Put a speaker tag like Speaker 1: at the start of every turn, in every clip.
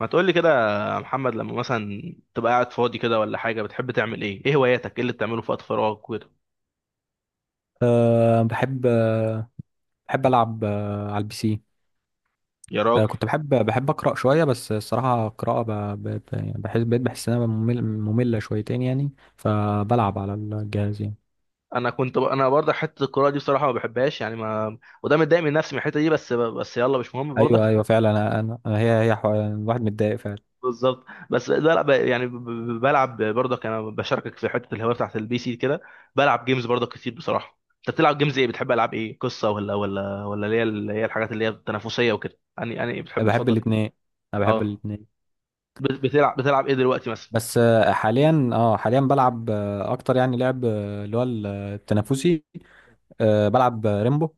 Speaker 1: ما تقول لي كده يا محمد، لما مثلا تبقى قاعد فاضي كده ولا حاجة بتحب تعمل ايه؟ ايه هواياتك؟ ايه اللي بتعمله في وقت فراغك وكده؟
Speaker 2: أه بحب بحب ألعب على البي سي.
Speaker 1: يا راجل،
Speaker 2: كنت بحب أقرأ شوية، بس الصراحة القراءة يعني بحس، بقيت بحس إنها مملة شويتين يعني. فبلعب على الجهاز يعني.
Speaker 1: انا برضه حتة القراءة دي بصراحة ما بحبهاش يعني ما. وده متضايق من نفسي من الحتة دي، بس يلا مش مهم
Speaker 2: أيوه، أيوه،
Speaker 1: برضك.
Speaker 2: فعلا. الواحد متضايق فعلا.
Speaker 1: بالظبط. بس لا ب... يعني ب... ب- بلعب برضك، انا بشاركك في حتة الهواية بتاعت البي سي كده. بلعب جيمز برضك كتير بصراحة. انت بتلعب جيمز ايه؟ بتحب العاب ايه؟ قصة ولا اللي هي الحاجات اللي هي التنافسية وكده يعني
Speaker 2: أنا
Speaker 1: بتحب
Speaker 2: بحب
Speaker 1: تفضل ايه؟
Speaker 2: الاتنين أنا بحب
Speaker 1: اه.
Speaker 2: الاتنين.
Speaker 1: بتلعب ايه دلوقتي مثلا؟
Speaker 2: بس حاليا بلعب، أكتر يعني لعب اللي هو التنافسي. بلعب ريمبو.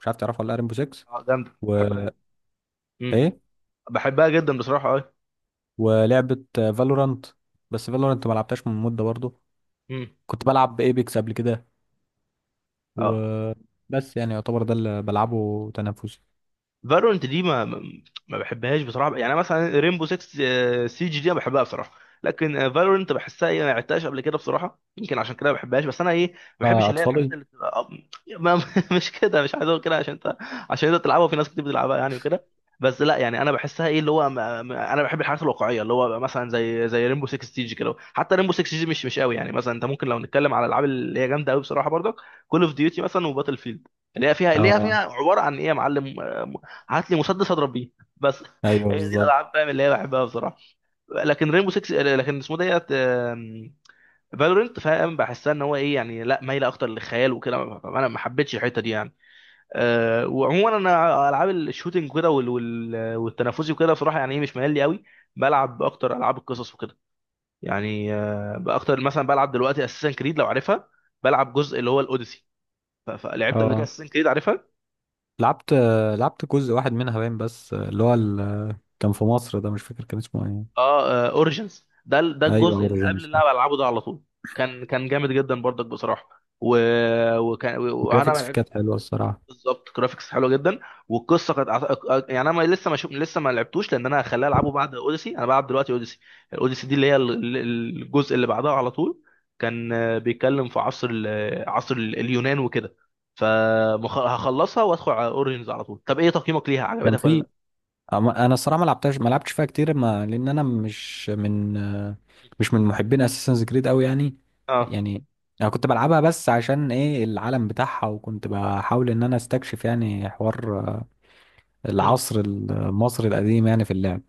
Speaker 2: مش عارف تعرفه ولا لأ؟ ريمبو 6
Speaker 1: اه جامدة،
Speaker 2: و
Speaker 1: بحبها جدا. مم.
Speaker 2: إيه
Speaker 1: بحبها جدا بصراحة اه.
Speaker 2: ولعبة فالورانت. بس فالورانت ما لعبتهاش من مدة برضو.
Speaker 1: مم.
Speaker 2: كنت بلعب ايبكس قبل كده،
Speaker 1: اه
Speaker 2: وبس يعني يعتبر ده اللي بلعبه تنافسي.
Speaker 1: فالورنت دي ما بحبهاش بصراحه يعني. مثلا ريمبو 6 سيج دي انا بحبها بصراحه، لكن فالورنت بحسها ايه، ما لعبتهاش قبل كده بصراحه، يمكن عشان كده ما بحبهاش. بس انا ايه، ما بحبش اللي هي الحاجات
Speaker 2: أطفالي.
Speaker 1: اللي بتبقى ما مش كده، مش عايز اقول كده عشان انت، عشان انت تلعبها وفي ناس كتير بتلعبها يعني وكده. بس لا يعني انا بحسها ايه اللي هو ما... ما... انا بحب الحاجات الواقعيه، اللي هو مثلا زي ريمبو 6 سيج كده. حتى ريمبو 6 سيج مش قوي يعني. مثلا انت ممكن لو نتكلم على الالعاب اللي هي جامده قوي بصراحه برضك، كول اوف ديوتي مثلا وباتل فيلد، اللي هي فيها
Speaker 2: اه
Speaker 1: عباره عن ايه يا معلم، هات لي مسدس اضرب بيه بس.
Speaker 2: أيوه،
Speaker 1: هي دي
Speaker 2: بالظبط.
Speaker 1: الالعاب، فاهم، اللي هي بحبها بصراحه. لكن رينبو 6، لكن اسمه ديت، فالورنت، فاهم، بحسها ان هو ايه يعني، لا مايله اكتر للخيال وكده. انا ما حبيتش الحته دي يعني. أه، وعموما انا العاب الشوتينج كده والتنافسي وكده بصراحه يعني ايه مش ميال لي قوي. بلعب اكتر العاب القصص وكده، يعني أه اكتر مثلا بلعب دلوقتي اساسن كريد لو عارفها. بلعب جزء اللي هو الاوديسي. فلعبت قبل كده
Speaker 2: اه
Speaker 1: اساسن كريد.
Speaker 2: لعبت لعبت جزء واحد منها باين، بس اللي هو كان في مصر، ده مش فاكر كان اسمه ايه.
Speaker 1: اه اوريجنز، ده
Speaker 2: ايوه،
Speaker 1: الجزء اللي قبل
Speaker 2: اوريجينز
Speaker 1: اللي
Speaker 2: ده.
Speaker 1: انا بلعبه ده على طول. كان جامد جدا برضك بصراحه. و... وكان وانا ما
Speaker 2: الجرافيكس فيه
Speaker 1: لعبت.
Speaker 2: كانت حلوه الصراحه.
Speaker 1: بالظبط، جرافيكس حلوه جدا. والقصه كانت يعني انا لسه ما لعبتوش، لان انا هخليها العبه بعد اوديسي، انا بلعب دلوقتي اوديسي. الاوديسي دي اللي هي الجزء اللي بعدها على طول. كان بيتكلم في عصر اليونان وكده. فهخلصها وادخل على اوريجنز على طول. طب ايه تقييمك ليها؟
Speaker 2: كان
Speaker 1: عجبتك ولا
Speaker 2: في
Speaker 1: لا؟
Speaker 2: انا الصراحه ما لعبتش فيها كتير، ما لان انا مش من مش من محبين اساسنز كريد قوي يعني.
Speaker 1: اه.
Speaker 2: يعني انا كنت بلعبها بس عشان ايه العالم بتاعها، وكنت بحاول ان انا استكشف يعني حوار
Speaker 1: مم.
Speaker 2: العصر المصري القديم يعني في اللعب.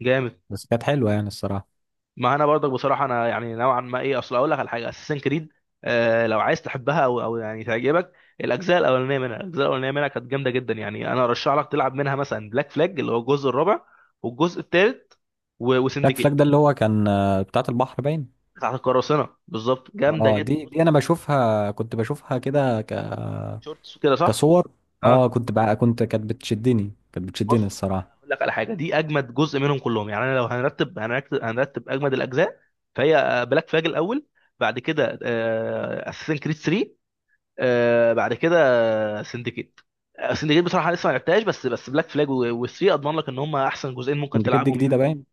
Speaker 1: جامد.
Speaker 2: بس كانت حلوه يعني الصراحه.
Speaker 1: ما انا برضك بصراحه انا يعني نوعا ما ايه. اصل اقول لك على حاجه، اساسن كريد، آه، لو عايز تحبها او يعني تعجبك، الاجزاء الاولانيه منها كانت جامده جدا يعني. انا ارشح لك تلعب منها مثلا بلاك فلاج اللي هو الجزء الرابع، والجزء الثالث،
Speaker 2: بلاك فلاج
Speaker 1: وسندكيت.
Speaker 2: ده اللي هو كان بتاعت البحر باين.
Speaker 1: بتاعت القراصنه، بالظبط، جامده
Speaker 2: اه
Speaker 1: جدا.
Speaker 2: دي
Speaker 1: بص،
Speaker 2: دي انا كنت بشوفها كده
Speaker 1: شورتس وكده صح.
Speaker 2: كصور. اه
Speaker 1: اه.
Speaker 2: كنت بقى كنت كانت بتشدني
Speaker 1: بص،
Speaker 2: الصراحه.
Speaker 1: اقول لك على حاجه، دي اجمد جزء منهم كلهم يعني. انا لو هنرتب اجمد الاجزاء، فهي بلاك فلاج الاول، بعد كده اساسن كريد 3، آه بعد كده سندكيت. آه، سندكيت بصراحه لسه ما لعبتهاش، بس بلاك فلاج والثري اضمن لك ان هم احسن جزئين ممكن
Speaker 2: كنت كده
Speaker 1: تلعبهم
Speaker 2: جديده
Speaker 1: يعني.
Speaker 2: باين.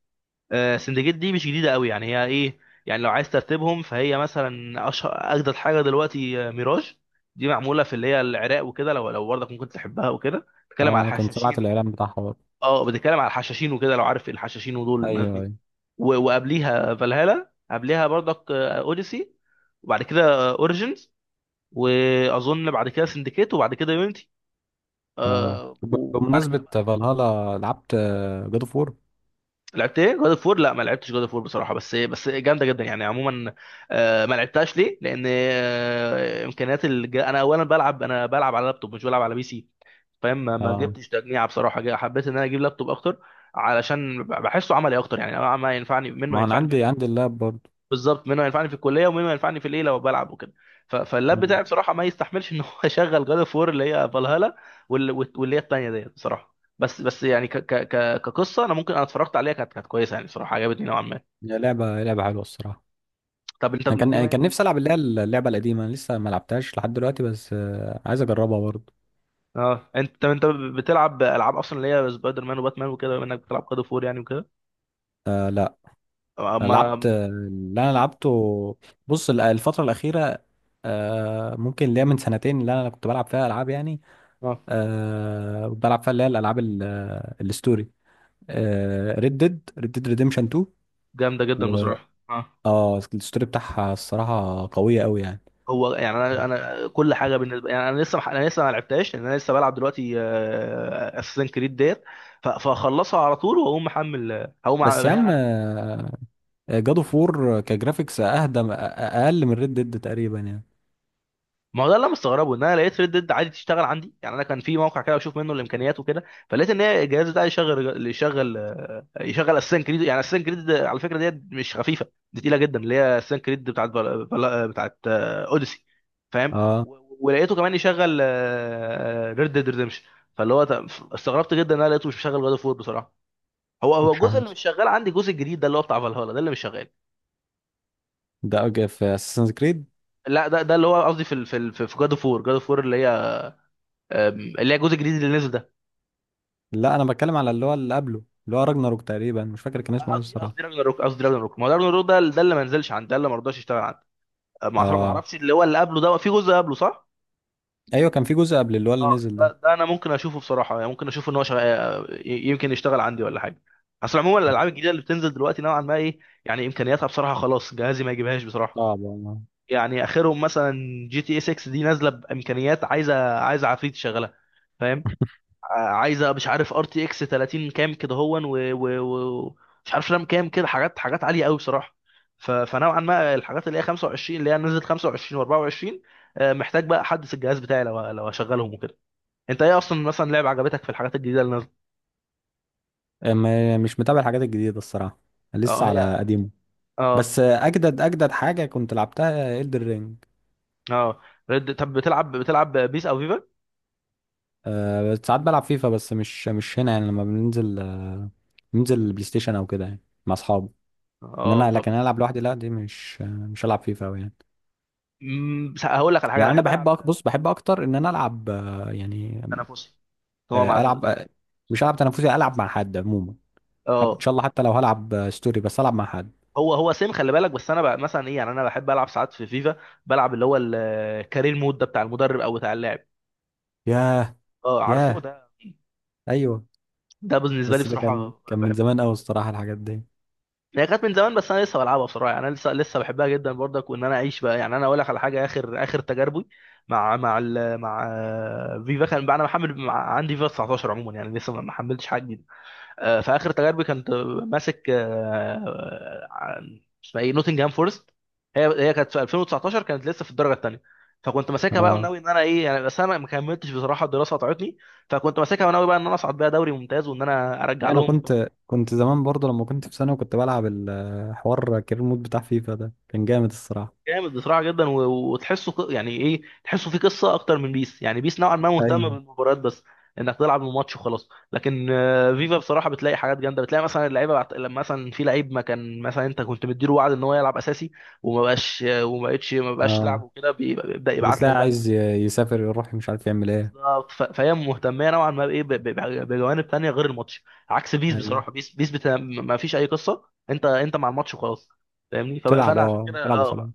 Speaker 1: آه سندكيت دي مش جديده قوي يعني، هي ايه، يعني لو عايز ترتبهم فهي مثلا اشهر اجدد حاجه دلوقتي، ميراج. دي معموله في اللي هي العراق وكده، لو برضك ممكن تحبها وكده، بتتكلم على
Speaker 2: اه انا كنت سمعت
Speaker 1: الحشاشين.
Speaker 2: الاعلان بتاعها.
Speaker 1: اه، بتتكلم على الحشاشين وكده، لو عارف الحشاشين ودول الناس
Speaker 2: ايوه،
Speaker 1: دي.
Speaker 2: ايوه.
Speaker 1: وقبليها فالهالا، قبليها برضك اوديسي، وبعد كده اوريجينز، واظن بعد كده سندكيت وبعد كده يونيتي،
Speaker 2: اه
Speaker 1: آه وبعد كده
Speaker 2: بمناسبة
Speaker 1: بقى.
Speaker 2: فالهالا لعبت جاد اوف وور.
Speaker 1: لعبت ايه؟ جود اوف وور؟ لا ما لعبتش جود اوف وور بصراحه، بس إيه، بس جامده جدا يعني عموما. آه، ما لعبتهاش ليه، لان آه امكانيات انا اولا بلعب، انا بلعب على لابتوب مش بلعب على بي سي، فاهم. ما
Speaker 2: اه
Speaker 1: جبتش تجميعه بصراحه، حبيت ان انا اجيب لابتوب اكتر علشان بحسه عملي اكتر يعني. أنا ما ينفعني منه
Speaker 2: ما انا
Speaker 1: ينفعني فيه،
Speaker 2: عندي اللاب برضه.
Speaker 1: بالظبط، منه ينفعني في الكليه، ومنه ينفعني في الايه، لو بلعب وكده. فاللاب
Speaker 2: مم.
Speaker 1: بتاعي بصراحه ما يستحملش ان هو يشغل جاد اوف وور اللي هي فالهالا، واللي هي الثانيه ديت بصراحه. بس يعني ك ك ك كقصه انا ممكن، انا اتفرجت عليها، كانت كويسه يعني بصراحه، عجبتني نوعا ما.
Speaker 2: هي لعبة حلوة الصراحة.
Speaker 1: طب انت
Speaker 2: انا كان
Speaker 1: بما
Speaker 2: كان
Speaker 1: انك،
Speaker 2: نفسي العب اللي هي اللعبة القديمة. أنا لسه ما لعبتهاش لحد دلوقتي، بس عايز اجربها برضه.
Speaker 1: اه انت، طب انت بتلعب العاب اصلا اللي هي سبايدر مان وباتمان وكده، بما انك بتلعب جاد اوف وور يعني وكده؟
Speaker 2: لا. أنا لعبت
Speaker 1: ما.
Speaker 2: اللي انا لعبته. بص، الفترة الأخيرة، ممكن اللي هي من سنتين اللي انا كنت بلعب فيها العاب يعني.
Speaker 1: اه
Speaker 2: كنت بلعب فيها اللي هي الالعاب الستوري. ريد ديد ريديمشن 2.
Speaker 1: جامده جدا بصراحه اه.
Speaker 2: اه الستوري بتاعها الصراحة قوية قوي يعني.
Speaker 1: هو يعني انا كل حاجه بالنسبه يعني، انا لسه ما لعبتهاش، لان انا لسه بلعب دلوقتي اساسن كريد ديت. فاخلصها على طول واقوم محمل، هقوم
Speaker 2: بس يا عم، جادو فور كجرافيكس اهدى اقل من ريد ديد تقريبا يعني.
Speaker 1: ما هو ده اللي أنا مستغربه، ان انا لقيت ريد ديد عادي تشتغل عندي يعني. انا كان في موقع كده بشوف منه الامكانيات وكده، فلقيت ان هي الجهاز ده يشغل، يشغل يشغل اساسن كريد. يعني اساسن كريد على فكره ديت مش خفيفه، دي تقيله جدا، اللي هي اساسن كريد بتاعت اوديسي، فاهم.
Speaker 2: اه
Speaker 1: ولقيته كمان يشغل ريد ديد ريدمشن. فاللي هو ت- استغربت جدا ان انا لقيته مش مشغل جاد اوف وور بصراحه. هو
Speaker 2: مش
Speaker 1: الجزء اللي
Speaker 2: عارف
Speaker 1: مش شغال عندي، الجزء الجديد ده اللي هو بتاع فالهالا ده اللي مش شغال.
Speaker 2: ده أوكي في اساسن كريد.
Speaker 1: لا ده اللي هو قصدي في جاد اوف وور اللي هي اللي هي الجزء الجديد اللي نزل ده.
Speaker 2: لا، انا بتكلم على اللي هو اللي قبله، اللي هو راجناروك تقريبا. مش فاكر كان اسمه ايه
Speaker 1: قصدي
Speaker 2: الصراحه.
Speaker 1: راجناروك، قصدي راجناروك، ما هو راجناروك ده اللي ما نزلش عندي، ده اللي ما رضاش يشتغل عندي. ما
Speaker 2: اه.
Speaker 1: اعرفش اللي هو اللي قبله، ده في جزء قبله صح؟
Speaker 2: ايوه، كان في جزء قبل اللي هو اللي
Speaker 1: اه
Speaker 2: نزل
Speaker 1: ده,
Speaker 2: ده.
Speaker 1: ده انا ممكن اشوفه بصراحه يعني، ممكن اشوف ان هو شغ... آه، ي- يمكن يشتغل عندي ولا حاجه. اصل عموما الالعاب
Speaker 2: آه.
Speaker 1: الجديده اللي بتنزل دلوقتي نوعا ما ايه يعني، امكانياتها بصراحه خلاص جهازي ما يجيبهاش بصراحه.
Speaker 2: صعب والله.
Speaker 1: يعني اخرهم مثلا جي تي اي 6 دي نازله بامكانيات، عايزه عفريت يشغلها، فاهم. عايزه مش عارف ار تي اكس 30 كام كده هون، و- و- مش عارف رام كام كده، حاجات عاليه قوي بصراحه. فنوعا ما الحاجات اللي هي 25، اللي هي نزلت 25 و24، محتاج بقى احدث الجهاز بتاعي لو هشغلهم وكده. انت ايه اصلا مثلا لعبه عجبتك في الحاجات الجديده اللي نازله؟
Speaker 2: مش متابع الحاجات الجديده الصراحه، لسه
Speaker 1: اه هي.
Speaker 2: على قديمه.
Speaker 1: اه.
Speaker 2: بس اجدد حاجه كنت لعبتها إلدر رينج.
Speaker 1: اه رد. طب بتلعب بيس او فيفا؟
Speaker 2: ساعات بلعب فيفا، بس مش هنا يعني لما بننزل بننزل البلاي ستيشن او كده يعني، مع اصحابي. ان
Speaker 1: اه
Speaker 2: انا لكن
Speaker 1: طب.
Speaker 2: انا العب لوحدي، لا دي مش هلعب فيفا أوي يعني.
Speaker 1: هقول لك على حاجه، انا
Speaker 2: يعني انا
Speaker 1: بحب
Speaker 2: بحب
Speaker 1: العب
Speaker 2: بص، بحب اكتر ان انا العب يعني
Speaker 1: تنافسي. هو مع.
Speaker 2: العب مش العب تنافسي، العب مع حد عموما. حتى ان
Speaker 1: اه.
Speaker 2: شاء الله، حتى لو هلعب ستوري، بس العب مع حد.
Speaker 1: هو سيم، خلي بالك، بس انا بقى مثلا ايه يعني، انا بحب العب ساعات في فيفا، بلعب اللي هو الكارير مود ده بتاع المدرب او بتاع اللاعب.
Speaker 2: ياه.
Speaker 1: اه عارفه
Speaker 2: ياه.
Speaker 1: ده.
Speaker 2: ايوه.
Speaker 1: ده بالنسبه لي
Speaker 2: بس ده
Speaker 1: بصراحه
Speaker 2: كان من
Speaker 1: بحبه جدا.
Speaker 2: زمان قوي الصراحه الحاجات دي.
Speaker 1: هي كانت من زمان بس انا لسه بلعبها بصراحه يعني، انا لسه بحبها جدا برضك، وان انا اعيش بقى يعني. انا اقول لك على حاجه، اخر تجاربي مع فيفا كان بقى، انا محمل عندي فيفا 19 عموما يعني، لسه ما حملتش حاجه جديده. في اخر تجاربي كنت ماسك اسمها ايه نوتنجهام فورست. هي كانت في 2019 كانت لسه في الدرجه الثانيه، فكنت ماسكها بقى
Speaker 2: اه
Speaker 1: وناوي ان انا ايه يعني، بس انا ما كملتش بصراحه، الدراسه قطعتني. فكنت ماسكها وناوي بقى ان انا اصعد بيها دوري ممتاز وان انا ارجع
Speaker 2: يعني انا
Speaker 1: لهم.
Speaker 2: كنت زمان برضه لما كنت في ثانوي، كنت بلعب الحوار كارير مود بتاع فيفا ده كان جامد الصراحه.
Speaker 1: جامد بصراحه جدا، وتحسه يعني ايه، تحسه في قصه اكتر من بيس. يعني بيس نوعا ما مهتمه
Speaker 2: ايوه.
Speaker 1: بالمباريات بس، انك تلعب الماتش وخلاص، لكن فيفا بصراحه بتلاقي حاجات جامده. بتلاقي مثلا اللعيبه لما مثلا في لعيب ما كان مثلا انت كنت مديله وعد ان هو يلعب اساسي، وما بقاش، وما بقتش، ما بقاش لعب
Speaker 2: اه
Speaker 1: وكده، بيبدا يبعت لك
Speaker 2: وبتلاقي
Speaker 1: بقى،
Speaker 2: عايز يسافر يروح، مش عارف يعمل ايه.
Speaker 1: بالظبط. فهي مهتمه نوعا ما بايه، بجوانب تانية غير الماتش، عكس بيس
Speaker 2: ايوه،
Speaker 1: بصراحه. بيس ما فيش اي قصه، انت مع الماتش وخلاص، فاهمني. فانا عشان كده
Speaker 2: تلعب وخلاص.
Speaker 1: اه،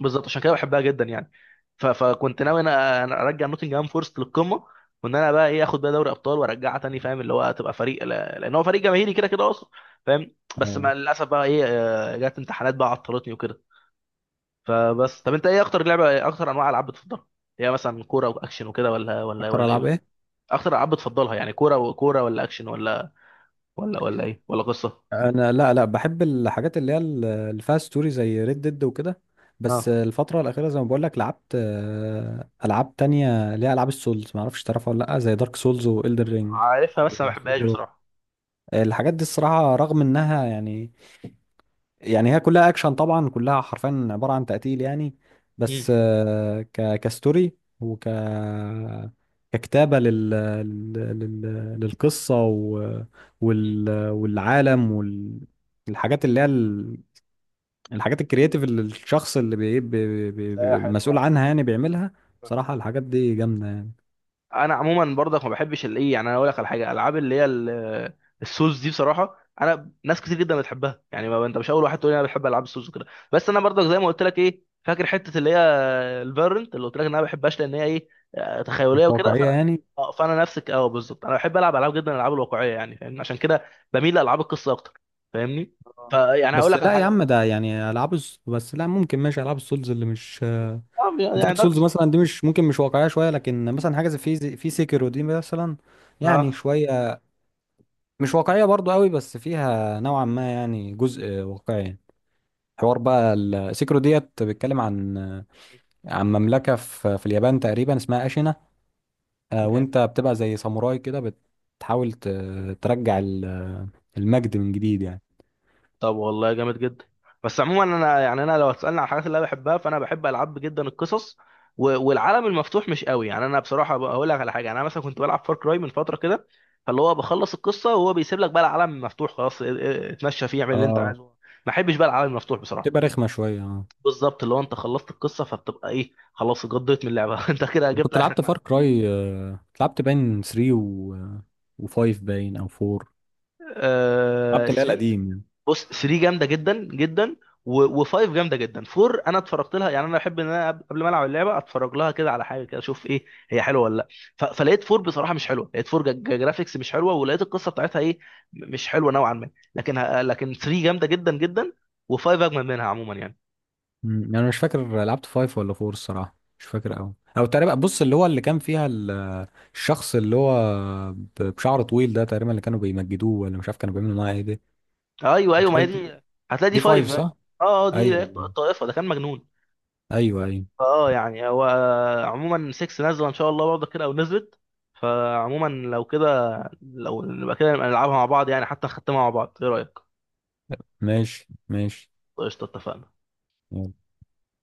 Speaker 1: بالظبط، عشان كده بحبها جدا يعني. فكنت ناوي، انا ارجع نوتنجهام فورست للقمه، وان انا بقى ايه، اخد بقى دوري ابطال، وارجعها تاني، فاهم، اللي هو تبقى فريق لان هو فريق جماهيري كده اصلا، فاهم. بس
Speaker 2: اه
Speaker 1: مع للاسف بقى ايه، جت امتحانات بقى عطلتني وكده. فبس، طب انت ايه اكتر لعبه، إيه اكتر انواع العاب بتفضلها؟ هي مثلا كوره واكشن وكده ولا ولا
Speaker 2: اكتر
Speaker 1: ولا
Speaker 2: العاب
Speaker 1: ايه؟
Speaker 2: ايه.
Speaker 1: اكتر العاب بتفضلها يعني، كوره وكوره ولا اكشن، ولا ولا ايه، ولا قصه؟
Speaker 2: انا، لا، لا، بحب الحاجات اللي هي اللي فيها ستوري زي ريد ديد وكده.
Speaker 1: اه
Speaker 2: بس الفتره الاخيره، زي ما بقول لك، لعبت العاب تانية اللي هي العاب السولز. ما اعرفش تعرفها ولا لا، زي دارك سولز والدر رينج.
Speaker 1: عارفها بس ما بحبهاش بصراحه.
Speaker 2: الحاجات دي الصراحه رغم انها يعني، يعني هي كلها اكشن طبعا، كلها حرفيا عباره عن تقتيل يعني.
Speaker 1: امم.
Speaker 2: بس كستوري ككتابه لل... للقصه والعالم الحاجات اللي هي الحاجات الكرياتيف اللي الشخص اللي
Speaker 1: لا يا حلوة
Speaker 2: مسؤول
Speaker 1: يعني.
Speaker 2: عنها يعني بيعملها. بصراحه الحاجات دي جامده يعني،
Speaker 1: انا عموما برضك ما بحبش الايه يعني. انا اقول لك على حاجه، العاب اللي هي السوز دي بصراحه، انا ناس كتير جدا بتحبها يعني، ما انت مش اول واحد تقول لي انا بحب العاب السوز وكده. بس انا برضك زي ما قلت لك، ايه، فاكر حته اللي هي الفيرنت، اللي قلت لك ان انا ما بحبهاش لان هي ايه
Speaker 2: مش
Speaker 1: تخيليه وكده،
Speaker 2: واقعيه
Speaker 1: فانا
Speaker 2: يعني.
Speaker 1: اه، فانا نفسك اه، بالظبط، انا بحب العب، العاب جدا الالعاب الواقعيه يعني فاهمني، عشان كده بميل لالعاب القصه اكتر، فاهمني.
Speaker 2: آه.
Speaker 1: فيعني هقول
Speaker 2: بس
Speaker 1: لك على
Speaker 2: لا يا
Speaker 1: حاجه
Speaker 2: عم،
Speaker 1: برضك،
Speaker 2: ده يعني بس لا ممكن ماشي، العاب السولز اللي مش
Speaker 1: اه يعني
Speaker 2: دارك
Speaker 1: دارك
Speaker 2: سولز
Speaker 1: سولز.
Speaker 2: مثلا دي مش واقعيه شويه، لكن مثلا حاجه
Speaker 1: بالظبط.
Speaker 2: زي في سيكيرو دي مثلا، يعني
Speaker 1: اه
Speaker 2: شويه مش واقعيه برضو قوي، بس فيها نوعا ما يعني جزء واقعي. حوار بقى السيكرو ديت بيتكلم عن، عن مملكه في اليابان تقريبا اسمها اشينا.
Speaker 1: جامد.
Speaker 2: وانت بتبقى زي ساموراي كده، بتحاول ترجع المجد من جديد يعني.
Speaker 1: طب والله جامد جدا. بس عموما انا يعني، انا لو هتسالني على الحاجات اللي انا بحبها، فانا بحب العاب جدا القصص، والعالم المفتوح مش قوي يعني. انا بصراحه بقى هقول لك على حاجه، انا مثلا كنت بلعب فار كراي من فتره كده، فاللي هو بخلص القصه وهو بيسيب لك بقى العالم مفتوح خلاص، اتمشى فيه اعمل اللي انت
Speaker 2: اه
Speaker 1: عايزه. ما احبش بقى العالم المفتوح بصراحه.
Speaker 2: تبقى رخمه شويه. اه.
Speaker 1: بالظبط، اللي هو انت خلصت القصه فبتبقى ايه، خلاص اتقضيت من اللعبه. انت كده جبت
Speaker 2: كنت
Speaker 1: اخرك
Speaker 2: لعبت فار
Speaker 1: معاك.
Speaker 2: كراي، لعبت باين 3 و5 باين او 4. لعبت اللي هي
Speaker 1: 3.
Speaker 2: القديم يعني.
Speaker 1: بص، 3 جامده جدا جدا، و5 جامده جدا. 4 انا اتفرجت لها يعني، انا بحب ان انا قبل ما العب اللعبه اتفرج لها كده على حاجه كده، اشوف ايه، هي حلوه ولا لا. فلقيت 4 بصراحه مش حلوه، لقيت 4 جرافيكس مش حلوه، ولقيت القصه بتاعتها ايه، مش حلوه نوعا ما. لكن لكن 3 جامده جدا جدا، و5 اجمل منها عموما يعني.
Speaker 2: مم. يعني انا مش فاكر لعبت فايف ولا فور الصراحه. مش فاكر قوي، او تقريبا بص اللي هو اللي كان فيها الشخص اللي هو بشعر طويل ده، تقريبا اللي كانوا بيمجدوه، ولا مش عارف كانوا بيعملوا معاه ايه دي.
Speaker 1: ايوه
Speaker 2: مش
Speaker 1: ايوه، ما هي
Speaker 2: عارف دي.
Speaker 1: دي. هتلاقي دي
Speaker 2: دي فايف
Speaker 1: 5.
Speaker 2: صح؟
Speaker 1: اه اه، دي
Speaker 2: ايوه،
Speaker 1: الطائفه، ده كان مجنون.
Speaker 2: ايوه، ايوه.
Speaker 1: اه يعني هو، عموما 6 نازله ان شاء الله برضه كده، او نزلت. فعموما لو كده، لو نبقى كده نبقى نلعبها مع بعض يعني، حتى نختمها مع بعض، ايه رايك؟
Speaker 2: ماشي، ماشي.
Speaker 1: قشطه، اتفقنا.
Speaker 2: يلا.